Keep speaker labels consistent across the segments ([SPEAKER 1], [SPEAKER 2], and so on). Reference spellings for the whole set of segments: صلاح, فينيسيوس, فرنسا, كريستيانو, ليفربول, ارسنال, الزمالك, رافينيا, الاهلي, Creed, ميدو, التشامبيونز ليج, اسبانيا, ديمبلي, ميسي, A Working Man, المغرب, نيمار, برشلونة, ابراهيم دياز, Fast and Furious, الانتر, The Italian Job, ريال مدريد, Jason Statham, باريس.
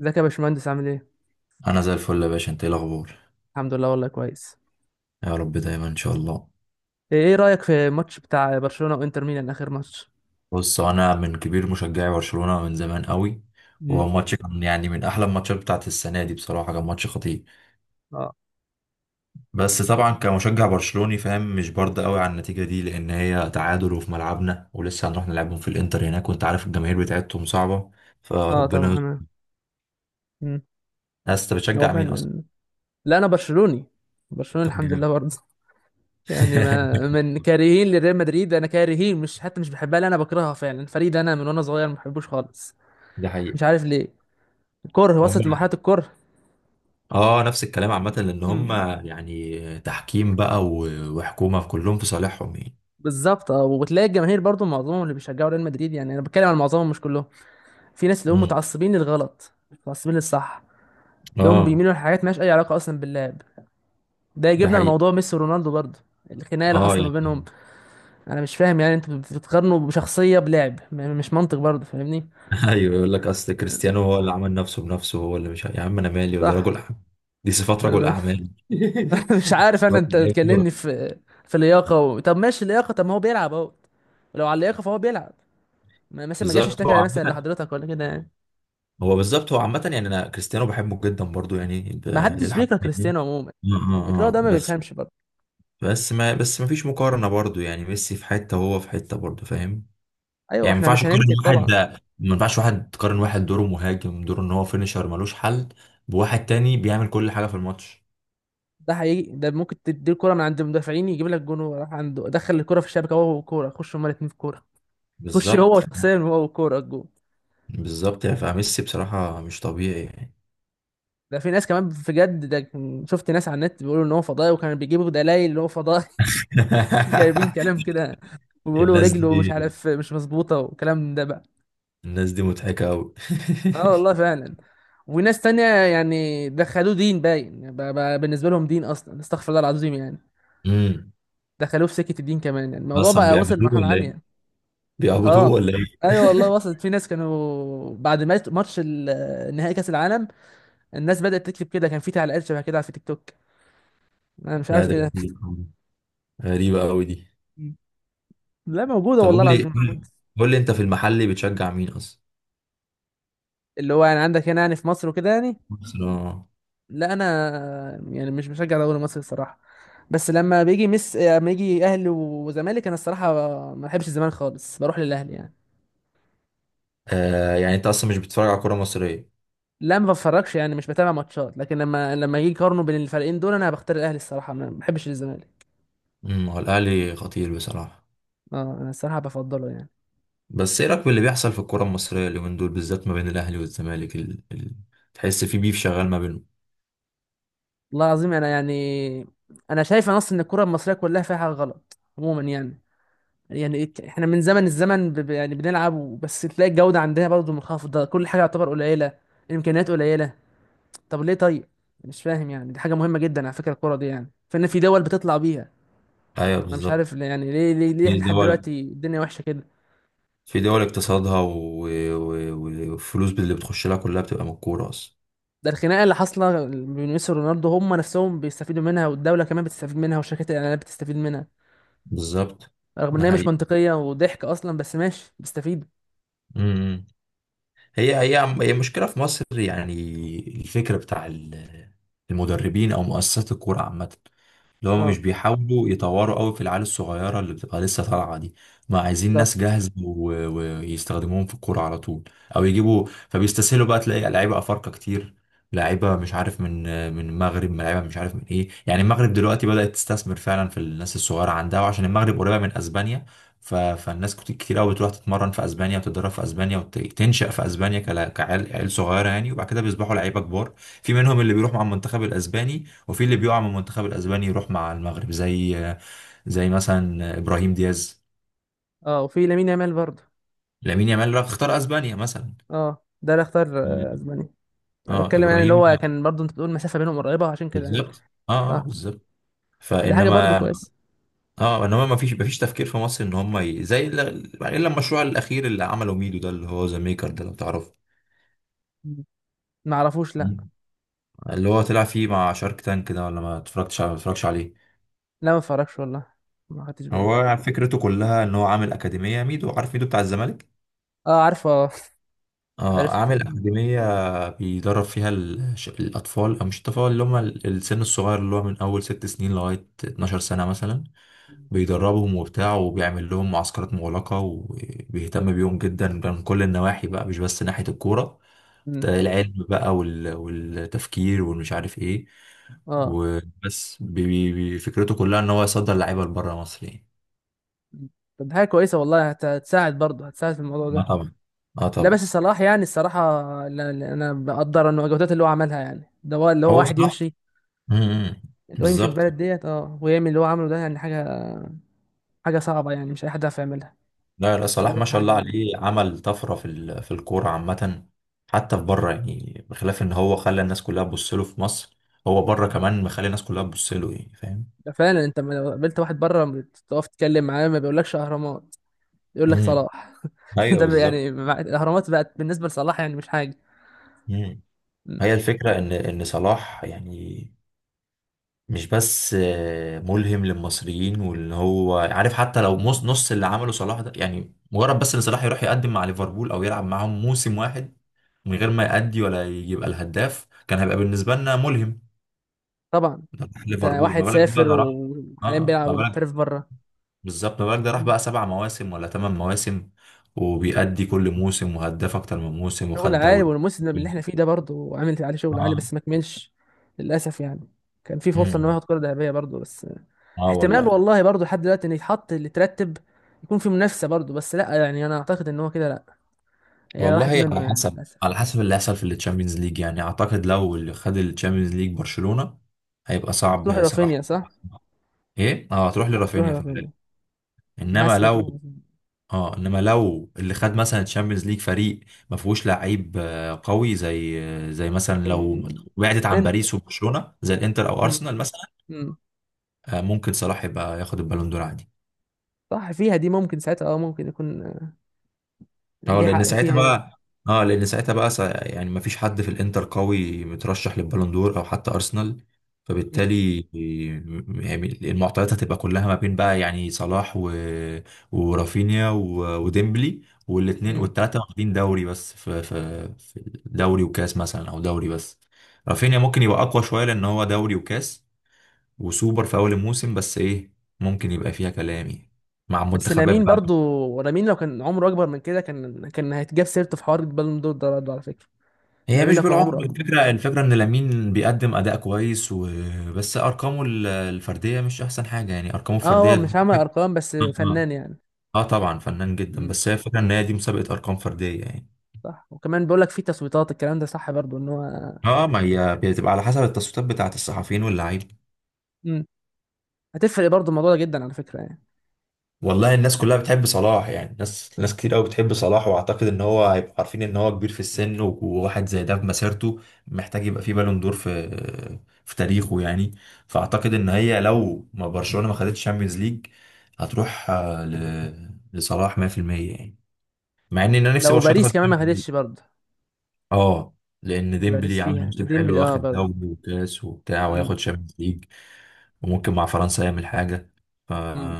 [SPEAKER 1] ازيك يا باشمهندس، عامل ايه؟
[SPEAKER 2] انا زي الفل يا باشا، انت ايه الاخبار؟
[SPEAKER 1] الحمد لله، والله كويس.
[SPEAKER 2] يا رب دايما ان شاء الله.
[SPEAKER 1] إيه رأيك في الماتش بتاع برشلونة وانتر ميلان، اخر ماتش؟
[SPEAKER 2] بص، انا من كبير مشجعي برشلونة من زمان قوي. وهو
[SPEAKER 1] مم.
[SPEAKER 2] ماتش كان يعني من احلى الماتشات بتاعت السنه دي، بصراحه كان ماتش خطير.
[SPEAKER 1] اه.
[SPEAKER 2] بس طبعا كمشجع برشلوني فاهم مش برد قوي على النتيجه دي، لان هي تعادل وفي ملعبنا ولسه هنروح نلعبهم في الانتر هناك، وانت عارف الجماهير بتاعتهم صعبه،
[SPEAKER 1] اه
[SPEAKER 2] فربنا
[SPEAKER 1] طبعا
[SPEAKER 2] يستر.
[SPEAKER 1] انا. مم.
[SPEAKER 2] بس انت
[SPEAKER 1] هو
[SPEAKER 2] بتشجع مين اصلا؟
[SPEAKER 1] فعلا. لا انا برشلوني. برشلونة
[SPEAKER 2] طب
[SPEAKER 1] الحمد
[SPEAKER 2] جامد.
[SPEAKER 1] لله برضه. يعني ما من كارهين لريال مدريد، انا كارهين، مش حتى مش بحبها، لا انا بكرهها فعلا، الفريق ده انا من وانا صغير ما بحبوش خالص.
[SPEAKER 2] ده
[SPEAKER 1] مش
[SPEAKER 2] حقيقي.
[SPEAKER 1] عارف ليه. كره وصلت
[SPEAKER 2] امال.
[SPEAKER 1] لمرحلة الكره.
[SPEAKER 2] اه، نفس الكلام عامة لأن هم
[SPEAKER 1] مم.
[SPEAKER 2] يعني تحكيم بقى و- وحكومة كلهم في صالحهم يعني.
[SPEAKER 1] بالظبط. اه، وبتلاقي الجماهير برضه معظمهم اللي بيشجعوا ريال مدريد، يعني انا بتكلم عن معظمهم مش كلهم. في ناس اللي هم
[SPEAKER 2] مم.
[SPEAKER 1] متعصبين للغلط، متعصبين للصح. تلاقيهم
[SPEAKER 2] اه.
[SPEAKER 1] بيميلوا لحاجات مالهاش اي علاقه اصلا باللعب. ده
[SPEAKER 2] ده
[SPEAKER 1] يجيبنا
[SPEAKER 2] حقيقي.
[SPEAKER 1] لموضوع ميسي ورونالدو برضه. الخناقه اللي
[SPEAKER 2] اه
[SPEAKER 1] حاصله ما بينهم.
[SPEAKER 2] يعني.
[SPEAKER 1] انا مش فاهم يعني، انتوا بتقارنوا بشخصيه بلعب، مش منطق برضه، فاهمني؟
[SPEAKER 2] ايوه، يقول لك اصل كريستيانو هو اللي عمل نفسه بنفسه، هو اللي مش ع- يا عم انا مالي، وده
[SPEAKER 1] صح.
[SPEAKER 2] رجل اعمال. دي صفات
[SPEAKER 1] انا
[SPEAKER 2] رجل
[SPEAKER 1] م-
[SPEAKER 2] اعمال.
[SPEAKER 1] مش عارف، انا
[SPEAKER 2] صفات
[SPEAKER 1] انت
[SPEAKER 2] لعيب
[SPEAKER 1] تكلمني
[SPEAKER 2] كورة.
[SPEAKER 1] في في لياقه طب ماشي لياقه، طب ما هو بيلعب اهو. لو على اللياقه فهو بيلعب. مثلا ما جاش
[SPEAKER 2] بالظبط. هو
[SPEAKER 1] اشتكى مثلا
[SPEAKER 2] عامة،
[SPEAKER 1] لحضرتك ولا كده يعني.
[SPEAKER 2] هو بالظبط، هو عامة يعني انا كريستيانو بحبه جدا برضو يعني
[SPEAKER 1] ما حدش
[SPEAKER 2] للحق
[SPEAKER 1] بيكره
[SPEAKER 2] يعني.
[SPEAKER 1] كريستيانو عموما. الاكراه ده ما
[SPEAKER 2] بس.
[SPEAKER 1] بيفهمش برضه.
[SPEAKER 2] بس ما فيش مقارنة برضو، يعني ميسي في حتة وهو في حتة برضو، فاهم؟
[SPEAKER 1] ايوه
[SPEAKER 2] يعني ما
[SPEAKER 1] احنا
[SPEAKER 2] ينفعش
[SPEAKER 1] مش
[SPEAKER 2] تقارن
[SPEAKER 1] هننكر
[SPEAKER 2] واحد.
[SPEAKER 1] طبعا.
[SPEAKER 2] ما ينفعش تقارن واحد دوره مهاجم، دوره ان هو فينيشر ملوش حل، بواحد تاني بيعمل كل حاجة في الماتش.
[SPEAKER 1] ده حقيقي، ده ممكن تدي الكرة من عند المدافعين يجيب لك جون، وراح عنده دخل الكرة في الشبكة، هو والكورة، خش هما الاتنين في الكورة. خش هو
[SPEAKER 2] بالظبط.
[SPEAKER 1] شخصيا هو والكورة الجون.
[SPEAKER 2] بالظبط يعني، فميسي بصراحة مش طبيعي يعني.
[SPEAKER 1] ده في ناس كمان بجد ده شفت ناس على النت بيقولوا ان هو فضائي، وكانوا بيجيبوا دلائل ان هو فضائي. جايبين كلام كده. وبيقولوا
[SPEAKER 2] الناس
[SPEAKER 1] رجله مش
[SPEAKER 2] دي
[SPEAKER 1] عارف مش مظبوطة والكلام ده بقى.
[SPEAKER 2] الناس دي مضحكة أوي.
[SPEAKER 1] اه والله فعلا. وناس تانية يعني دخلوه دين باين، بقى بالنسبة لهم دين، اصلا استغفر الله العظيم يعني.
[SPEAKER 2] امم
[SPEAKER 1] دخلوه في سكة الدين كمان، يعني الموضوع
[SPEAKER 2] أصلا
[SPEAKER 1] بقى وصل
[SPEAKER 2] بيعبدوه
[SPEAKER 1] لمرحلة
[SPEAKER 2] ولا إيه؟
[SPEAKER 1] عالية. اه.
[SPEAKER 2] بيعبدوه ولا إيه؟
[SPEAKER 1] ايوه والله، وصلت في ناس كانوا بعد ماتش نهائي كاس العالم، الناس بدات تكتب كده، كان في تعليقات شبه كده على في تيك توك. انا مش
[SPEAKER 2] لا،
[SPEAKER 1] عارف
[SPEAKER 2] ده
[SPEAKER 1] ايه ده.
[SPEAKER 2] غريب أوي. غريبة أوي دي.
[SPEAKER 1] مم. لا موجوده
[SPEAKER 2] طب
[SPEAKER 1] والله
[SPEAKER 2] قول لي
[SPEAKER 1] العظيم، موجوده.
[SPEAKER 2] قول لي أنت في المحل بتشجع مين أصلا؟
[SPEAKER 1] اللي هو يعني عندك هنا يعني في مصر وكده يعني.
[SPEAKER 2] برشلونة.
[SPEAKER 1] لا انا يعني مش بشجع دوري مصر الصراحه. بس لما بيجي مس لما يجي اهلي وزمالك، انا الصراحه ما بحبش الزمالك خالص، بروح للاهلي يعني.
[SPEAKER 2] آه، يعني أنت أصلا مش بتتفرج على كورة مصرية.
[SPEAKER 1] لا ما بتفرجش، يعني مش بتابع ماتشات، لكن لما يجي يقارنوا بين الفريقين دول انا بختار الاهلي الصراحه، انا ما بحبش الزمالك.
[SPEAKER 2] هو الاهلي خطير بصراحه.
[SPEAKER 1] اه انا الصراحه بفضله يعني.
[SPEAKER 2] بس ايه رايك باللي بيحصل في الكره المصريه اليومين دول بالذات، ما بين الاهلي والزمالك؟ تحس في بيف شغال ما بينهم.
[SPEAKER 1] والله العظيم انا يعني، انا شايف اصلا ان الكره المصريه كلها فيها حاجه غلط عموما يعني. يعني احنا من زمن الزمن يعني بنلعب، بس تلاقي الجوده عندنا برضو منخفضه، كل حاجه يعتبر قليله. الامكانيات قليله. طب ليه طيب؟ مش فاهم يعني، دي حاجه مهمه جدا على فكره الكره دي يعني، فان في دول بتطلع بيها.
[SPEAKER 2] ايوه
[SPEAKER 1] انا مش عارف
[SPEAKER 2] بالظبط.
[SPEAKER 1] يعني ليه
[SPEAKER 2] في
[SPEAKER 1] لحد
[SPEAKER 2] دول
[SPEAKER 1] دلوقتي الدنيا وحشه كده؟
[SPEAKER 2] في دول اقتصادها و- و- و- والفلوس اللي بتخش لها كلها بتبقى من الكوره اصلا.
[SPEAKER 1] ده الخناقه اللي حاصله بين ميسي ورونالدو هم نفسهم بيستفيدوا منها، والدوله كمان بتستفيد منها، وشركات الاعلانات بتستفيد منها.
[SPEAKER 2] بالظبط.
[SPEAKER 1] رغم ان
[SPEAKER 2] ده
[SPEAKER 1] هي مش
[SPEAKER 2] حقيقي.
[SPEAKER 1] منطقيه وضحك اصلا، بس ماشي بيستفيدوا.
[SPEAKER 2] امم هي مشكله في مصر يعني. الفكره بتاع المدربين او مؤسسات الكوره عامه، اللي هم مش
[SPEAKER 1] اه
[SPEAKER 2] بيحاولوا يطوروا قوي في العيال الصغيره اللي بتبقى لسه طالعه دي. ما عايزين ناس
[SPEAKER 1] بالظبط.
[SPEAKER 2] جاهزه ويستخدموهم في الكوره على طول، او يجيبوا، فبيستسهلوا بقى تلاقي لعيبه افارقه كتير، لعيبه مش عارف من، من المغرب، لعيبه مش عارف من ايه يعني. المغرب دلوقتي بدات تستثمر فعلا في الناس الصغيره عندها، وعشان المغرب قريبه من اسبانيا، ف... فالناس كتير قوي بتروح تتمرن في اسبانيا وتتدرب في اسبانيا وتنشأ في اسبانيا كعيال، عيال صغيره يعني، وبعد كده بيصبحوا لعيبه كبار. في منهم اللي بيروح مع المنتخب الاسباني، وفي اللي بيقع من المنتخب الاسباني يروح مع المغرب، زي، زي مثلا ابراهيم دياز.
[SPEAKER 1] اه وفي لامين يامال برضه.
[SPEAKER 2] لامين يامال راح اختار اسبانيا مثلا.
[SPEAKER 1] اه ده اللي اختار. آه، اسبانيا. انا
[SPEAKER 2] اه
[SPEAKER 1] بتكلم يعني اللي
[SPEAKER 2] ابراهيم.
[SPEAKER 1] هو كان برضه انت بتقول المسافه بينهم قريبه عشان كده يعني.
[SPEAKER 2] بالظبط. اه
[SPEAKER 1] صح.
[SPEAKER 2] بالظبط.
[SPEAKER 1] دي حاجه برضه
[SPEAKER 2] فانما،
[SPEAKER 1] كويسه.
[SPEAKER 2] اه انما ما فيش تفكير في مصر ان هم زي يعني، الا المشروع الاخير اللي عمله ميدو ده، اللي هو ذا ميكر ده، لو تعرفه.
[SPEAKER 1] مم. ما اعرفوش، لا.
[SPEAKER 2] اللي هو طلع فيه مع شارك تانك ده، ولا ما اتفرجتش، ما اتفرجتش عليه.
[SPEAKER 1] لا ما اتفرجش والله، ما خدتش بالي.
[SPEAKER 2] هو فكرته كلها ان هو عامل اكاديميه ميدو، عارف ميدو بتاع الزمالك.
[SPEAKER 1] اه عارفه. آه.
[SPEAKER 2] اه
[SPEAKER 1] عرفت.
[SPEAKER 2] اعمل اكاديميه، بيدرب فيها الاطفال، او مش الاطفال، اللي هم السن الصغير، اللي هو من اول ست سنين لغايه 12 سنه مثلا. بيدربهم وبتاع، وبيعمل لهم معسكرات مغلقه، وبيهتم بيهم جدا من كل النواحي بقى، مش بس ناحيه الكوره.
[SPEAKER 1] مم.
[SPEAKER 2] العلم بقى وال- والتفكير والمش عارف ايه.
[SPEAKER 1] اه.
[SPEAKER 2] وبس فكرته كلها ان هو يصدر لعيبه لبره مصر يعني.
[SPEAKER 1] مم. طب دي حاجه كويسه والله، هتساعد برضه، هتساعد في الموضوع
[SPEAKER 2] اه
[SPEAKER 1] ده.
[SPEAKER 2] طبعا. اه
[SPEAKER 1] لا بس
[SPEAKER 2] طبعا.
[SPEAKER 1] صلاح يعني الصراحه، لا- لا، انا بقدر انه الجهودات اللي هو عملها، يعني ده هو اللي هو
[SPEAKER 2] هو
[SPEAKER 1] واحد
[SPEAKER 2] صح.
[SPEAKER 1] يمشي،
[SPEAKER 2] امم.
[SPEAKER 1] اللي هو يمشي في
[SPEAKER 2] بالظبط.
[SPEAKER 1] البلد ديت، اه، ويعمل اللي هو عمله ده، يعني حاجه، حاجه صعبه، يعني مش اي حد يعرف يعملها.
[SPEAKER 2] لا لا، صلاح
[SPEAKER 1] بقدر
[SPEAKER 2] ما شاء الله
[SPEAKER 1] يعني.
[SPEAKER 2] عليه، عمل طفرة في في الكورة عامة، حتى في بره يعني، بخلاف ان هو خلى الناس كلها تبص له في مصر، هو بره كمان مخلي الناس كلها تبص له يعني، فاهم؟
[SPEAKER 1] ده فعلا انت لما لو قابلت واحد بره تقف تتكلم معاه ما بيقولكش اهرامات، يقول لك
[SPEAKER 2] امم.
[SPEAKER 1] صلاح.
[SPEAKER 2] ايوه
[SPEAKER 1] ده
[SPEAKER 2] بالظبط.
[SPEAKER 1] يعني، الاهرامات بقت بالنسبه لصلاح يعني مش حاجه.
[SPEAKER 2] امم.
[SPEAKER 1] م.
[SPEAKER 2] هي الفكرة ان صلاح يعني مش بس آه، ملهم للمصريين، وان هو عارف حتى لو نص اللي عمله صلاح ده، يعني مجرد بس ان صلاح يروح يقدم مع ليفربول او يلعب معاهم موسم واحد، من غير ما يأدي ولا يبقى الهداف، كان هيبقى بالنسبة لنا ملهم.
[SPEAKER 1] طبعا.
[SPEAKER 2] ده راح
[SPEAKER 1] انت
[SPEAKER 2] ليفربول، ما
[SPEAKER 1] واحد
[SPEAKER 2] بالك بقى،
[SPEAKER 1] سافر
[SPEAKER 2] ده راح. اه
[SPEAKER 1] وحاليا
[SPEAKER 2] آه،
[SPEAKER 1] بيلعب
[SPEAKER 2] ما بالك.
[SPEAKER 1] ومحترف بره.
[SPEAKER 2] بالظبط ما بالك، ده راح
[SPEAKER 1] م.
[SPEAKER 2] بقى سبع مواسم ولا ثمان مواسم، وبيأدي كل موسم، وهداف اكتر من موسم،
[SPEAKER 1] شغل
[SPEAKER 2] وخد
[SPEAKER 1] عالي،
[SPEAKER 2] دوري.
[SPEAKER 1] والموسم اللي احنا فيه ده برضه عامل عليه شغل عالي
[SPEAKER 2] اه.
[SPEAKER 1] بس ما كملش، للاسف يعني. كان في فرصه ان هو
[SPEAKER 2] امم.
[SPEAKER 1] ياخد كره ذهبيه برضه بس.
[SPEAKER 2] اه
[SPEAKER 1] احتمال
[SPEAKER 2] والله.
[SPEAKER 1] والله برضه لحد دلوقتي ان يتحط اللي ترتب، يكون في منافسه برضه، بس لا يعني، انا اعتقد ان هو كده لا. هي
[SPEAKER 2] والله
[SPEAKER 1] راحت منه
[SPEAKER 2] على
[SPEAKER 1] يعني
[SPEAKER 2] حسب،
[SPEAKER 1] للاسف.
[SPEAKER 2] على حسب اللي هيحصل في التشامبيونز ليج يعني. اعتقد لو اللي خد التشامبيونز ليج برشلونة، هيبقى
[SPEAKER 1] ممكن تروح
[SPEAKER 2] صعب صراحة.
[SPEAKER 1] لرافينيا، صح.
[SPEAKER 2] ايه اه، هتروح
[SPEAKER 1] ممكن تروح
[SPEAKER 2] لرافينيا في
[SPEAKER 1] لغاية
[SPEAKER 2] الغالب.
[SPEAKER 1] مني. انا
[SPEAKER 2] انما
[SPEAKER 1] حاسس انها
[SPEAKER 2] لو،
[SPEAKER 1] تروح لغاية مني
[SPEAKER 2] اه انما لو اللي خد مثلا تشامبيونز ليج فريق ما فيهوش لعيب آه، قوي، زي، زي مثلا لو
[SPEAKER 1] لكن.
[SPEAKER 2] بعدت عن
[SPEAKER 1] انت.
[SPEAKER 2] باريس وبرشلونه، زي الانتر او
[SPEAKER 1] امم.
[SPEAKER 2] ارسنال مثلا،
[SPEAKER 1] امم.
[SPEAKER 2] آه، ممكن صلاح يبقى ياخد البالون دور عادي.
[SPEAKER 1] صح فيها دي، ممكن ساعتها اه، ممكن يكون. آه،
[SPEAKER 2] اه
[SPEAKER 1] ليه
[SPEAKER 2] لان
[SPEAKER 1] حق
[SPEAKER 2] ساعتها
[SPEAKER 1] فيها يعني.
[SPEAKER 2] بقى، يعني ما فيش حد في الانتر قوي مترشح للبالون دور او حتى ارسنال،
[SPEAKER 1] امم.
[SPEAKER 2] فبالتالي، يعني المعطيات هتبقى كلها ما بين بقى، يعني صلاح و... ورافينيا و... وديمبلي، والاثنين
[SPEAKER 1] امم.
[SPEAKER 2] والثلاثه واخدين دوري بس، في في في دوري وكاس مثلا، او دوري بس. رافينيا ممكن يبقى اقوى شويه، لان هو دوري وكاس وسوبر في اول الموسم، بس ايه، ممكن يبقى فيها كلام يعني، مع
[SPEAKER 1] بس
[SPEAKER 2] منتخبات.
[SPEAKER 1] لامين برضو، لامين لو كان عمره اكبر من كده كان هيتجاب سيرته في حوار البالون دور ده برضه على فكره.
[SPEAKER 2] هي
[SPEAKER 1] لامين
[SPEAKER 2] مش
[SPEAKER 1] لو كان
[SPEAKER 2] بالعمر
[SPEAKER 1] عمره اكبر.
[SPEAKER 2] الفكرة، الفكرة ان لامين بيقدم اداء كويس وبس، ارقامه الفردية مش احسن حاجة يعني، ارقامه
[SPEAKER 1] اه، هو
[SPEAKER 2] الفردية.
[SPEAKER 1] مش عامل ارقام بس،
[SPEAKER 2] اه آه،
[SPEAKER 1] فنان يعني.
[SPEAKER 2] آه طبعا فنان جدا،
[SPEAKER 1] امم.
[SPEAKER 2] بس هي الفكرة ان هي دي مسابقة ارقام فردية يعني.
[SPEAKER 1] صح، وكمان بيقول لك في تصويتات، الكلام ده صح برضو، ان هو.
[SPEAKER 2] اه، ما هي بتبقى على حسب التصويتات بتاعة الصحفيين واللعيبة.
[SPEAKER 1] امم. هتفرق برضو الموضوع ده جدا على فكره يعني.
[SPEAKER 2] والله الناس كلها بتحب صلاح يعني، ناس، ناس كتير قوي بتحب صلاح، واعتقد ان هو هيبقوا عارفين ان هو كبير في السن، و- وواحد زي ده في مسيرته محتاج يبقى فيه بالون دور في، في تاريخه يعني. فاعتقد ان هي لو ما برشلونة ما خدتش شامبيونز ليج، هتروح آه، ل... لصلاح 100%، يعني، مع ان انا نفسي
[SPEAKER 1] لو
[SPEAKER 2] برشلونة
[SPEAKER 1] باريس
[SPEAKER 2] تاخد
[SPEAKER 1] كمان ما
[SPEAKER 2] شامبيونز ليج.
[SPEAKER 1] خدتش برضو.
[SPEAKER 2] اه، لان
[SPEAKER 1] إن باريس
[SPEAKER 2] ديمبلي عامل
[SPEAKER 1] فيها
[SPEAKER 2] موسم
[SPEAKER 1] ديمبلي
[SPEAKER 2] حلو،
[SPEAKER 1] اه
[SPEAKER 2] واخد
[SPEAKER 1] برضو.
[SPEAKER 2] دوري وكاس وبتاع، وياخد شامبيونز ليج، وممكن مع فرنسا يعمل حاجة. ف...
[SPEAKER 1] امم.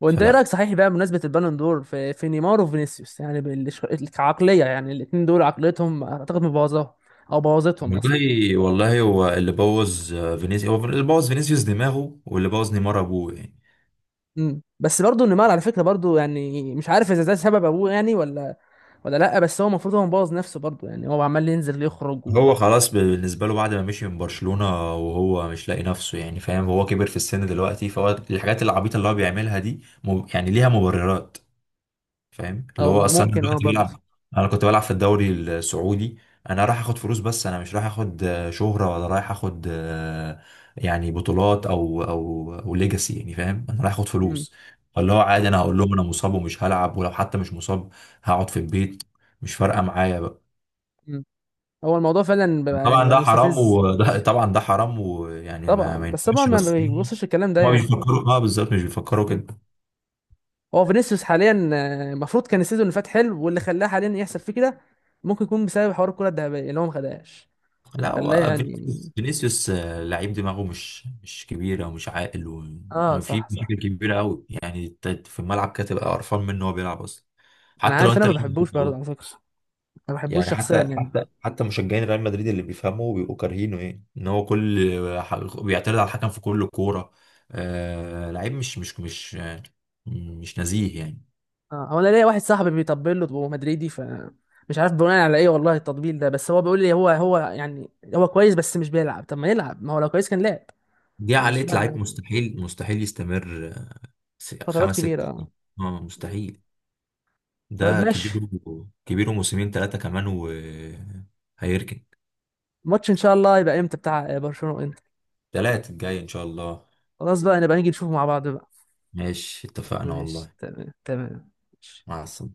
[SPEAKER 1] وانت ايه رايك
[SPEAKER 2] فلا،
[SPEAKER 1] صحيح بقى، بمناسبه البالون دور، في نيمار وفينيسيوس، يعني كعقليه يعني، الاثنين دول عقليتهم اعتقد مبوظاها، او بوظتهم اصلا.
[SPEAKER 2] والله، والله هو اللي بوظ آه، فينيسيوس، هو اللي بوظ فينيسيوس دماغه، واللي بوظ نيمار ابوه يعني.
[SPEAKER 1] امم. بس برضه نيمار على فكره برضه يعني، مش عارف اذا ده سبب ابوه يعني، ولا. لا بس هو المفروض هو مبوظ نفسه برضه يعني، هو عمال ينزل يخرج
[SPEAKER 2] هو خلاص بالنسبه له بعد ما مشي من برشلونه، وهو مش لاقي نفسه يعني، فاهم؟ هو كبر في السن دلوقتي، فهو الحاجات العبيطه اللي هو بيعملها دي يعني ليها مبررات. فاهم، اللي
[SPEAKER 1] او
[SPEAKER 2] هو اصلا انا
[SPEAKER 1] ممكن اه
[SPEAKER 2] دلوقتي
[SPEAKER 1] برضه.
[SPEAKER 2] بلعب، انا كنت بلعب في الدوري السعودي، انا رايح اخد فلوس، بس انا مش رايح اخد آه، شهرة، ولا رايح اخد آه، يعني بطولات، او ليجاسي يعني، فاهم؟ انا رايح اخد
[SPEAKER 1] امم.
[SPEAKER 2] فلوس. فاللي هو عادي،
[SPEAKER 1] صح.
[SPEAKER 2] انا هقول لهم انا مصاب ومش هلعب، ولو حتى مش مصاب هقعد في البيت، مش فارقة معايا بقى.
[SPEAKER 1] امم. هو الموضوع فعلا بقى يعني
[SPEAKER 2] طبعا
[SPEAKER 1] بقى
[SPEAKER 2] ده حرام،
[SPEAKER 1] مستفز.
[SPEAKER 2] وده طبعا ده حرام، ويعني ما,
[SPEAKER 1] طبعا
[SPEAKER 2] ما
[SPEAKER 1] بس طبعا،
[SPEAKER 2] ينفعش
[SPEAKER 1] ما
[SPEAKER 2] بس يعني.
[SPEAKER 1] بيبصش الكلام ده
[SPEAKER 2] هما مش
[SPEAKER 1] يعني.
[SPEAKER 2] بيفكروا، اه بالظبط مش بيفكروا
[SPEAKER 1] مم.
[SPEAKER 2] كده.
[SPEAKER 1] هو فينيسيوس حاليا آه، المفروض كان السيزون اللي فات حلو، واللي خلاه حاليا يحصل فيه كده، ممكن يكون بسبب حوار الكرة الذهبية اللي هو ما خدهاش،
[SPEAKER 2] لا،
[SPEAKER 1] خلاه
[SPEAKER 2] هو
[SPEAKER 1] يعني.
[SPEAKER 2] فينيسيوس آه، لعيب دماغه مش كبيرة ومش عاقل،
[SPEAKER 1] اه
[SPEAKER 2] وفي
[SPEAKER 1] صح صح.
[SPEAKER 2] مشاكل كبيرة قوي يعني، انت في الملعب كده تبقى قرفان منه وهو بيلعب اصلا،
[SPEAKER 1] انا
[SPEAKER 2] حتى لو
[SPEAKER 1] عارف
[SPEAKER 2] انت
[SPEAKER 1] انا ما
[SPEAKER 2] ريال مدريد
[SPEAKER 1] بحبوش برضه
[SPEAKER 2] والله.
[SPEAKER 1] على فكرة، ما بحبوش
[SPEAKER 2] يعني
[SPEAKER 1] شخصيا يعني.
[SPEAKER 2] حتى مشجعين ريال مدريد اللي بيفهموا بيبقوا كارهينه، ايه ان هو كل بيعترض على الحكم في كل كورة، آه لعيب مش نزيه يعني.
[SPEAKER 1] اه هو، انا ليا واحد صاحبي بيطبل له وهو مدريدي، ف مش عارف بناء على ايه والله التطبيل ده، بس هو بيقول لي هو يعني، هو كويس بس مش بيلعب، طب ما يلعب، ما هو لو كويس كان لعب.
[SPEAKER 2] دي
[SPEAKER 1] انا مش
[SPEAKER 2] عقلية
[SPEAKER 1] فاهم
[SPEAKER 2] لعيب،
[SPEAKER 1] يعني.
[SPEAKER 2] مستحيل،
[SPEAKER 1] فترات
[SPEAKER 2] خمس ست
[SPEAKER 1] كبيرة اه.
[SPEAKER 2] سنين. اه
[SPEAKER 1] مم.
[SPEAKER 2] مستحيل.
[SPEAKER 1] طيب
[SPEAKER 2] ده
[SPEAKER 1] ماشي.
[SPEAKER 2] كبير، كبير، وموسمين ثلاثة كمان وهيركن.
[SPEAKER 1] الماتش ان شاء الله يبقى امتى بتاع برشلونة وانتر؟
[SPEAKER 2] تلاتة الجاي إن شاء الله.
[SPEAKER 1] خلاص بقى، نبقى نيجي نشوفه مع بعض بقى.
[SPEAKER 2] ماشي اتفقنا
[SPEAKER 1] ماشي
[SPEAKER 2] والله.
[SPEAKER 1] تمام تمام ماشي.
[SPEAKER 2] مع السلامة.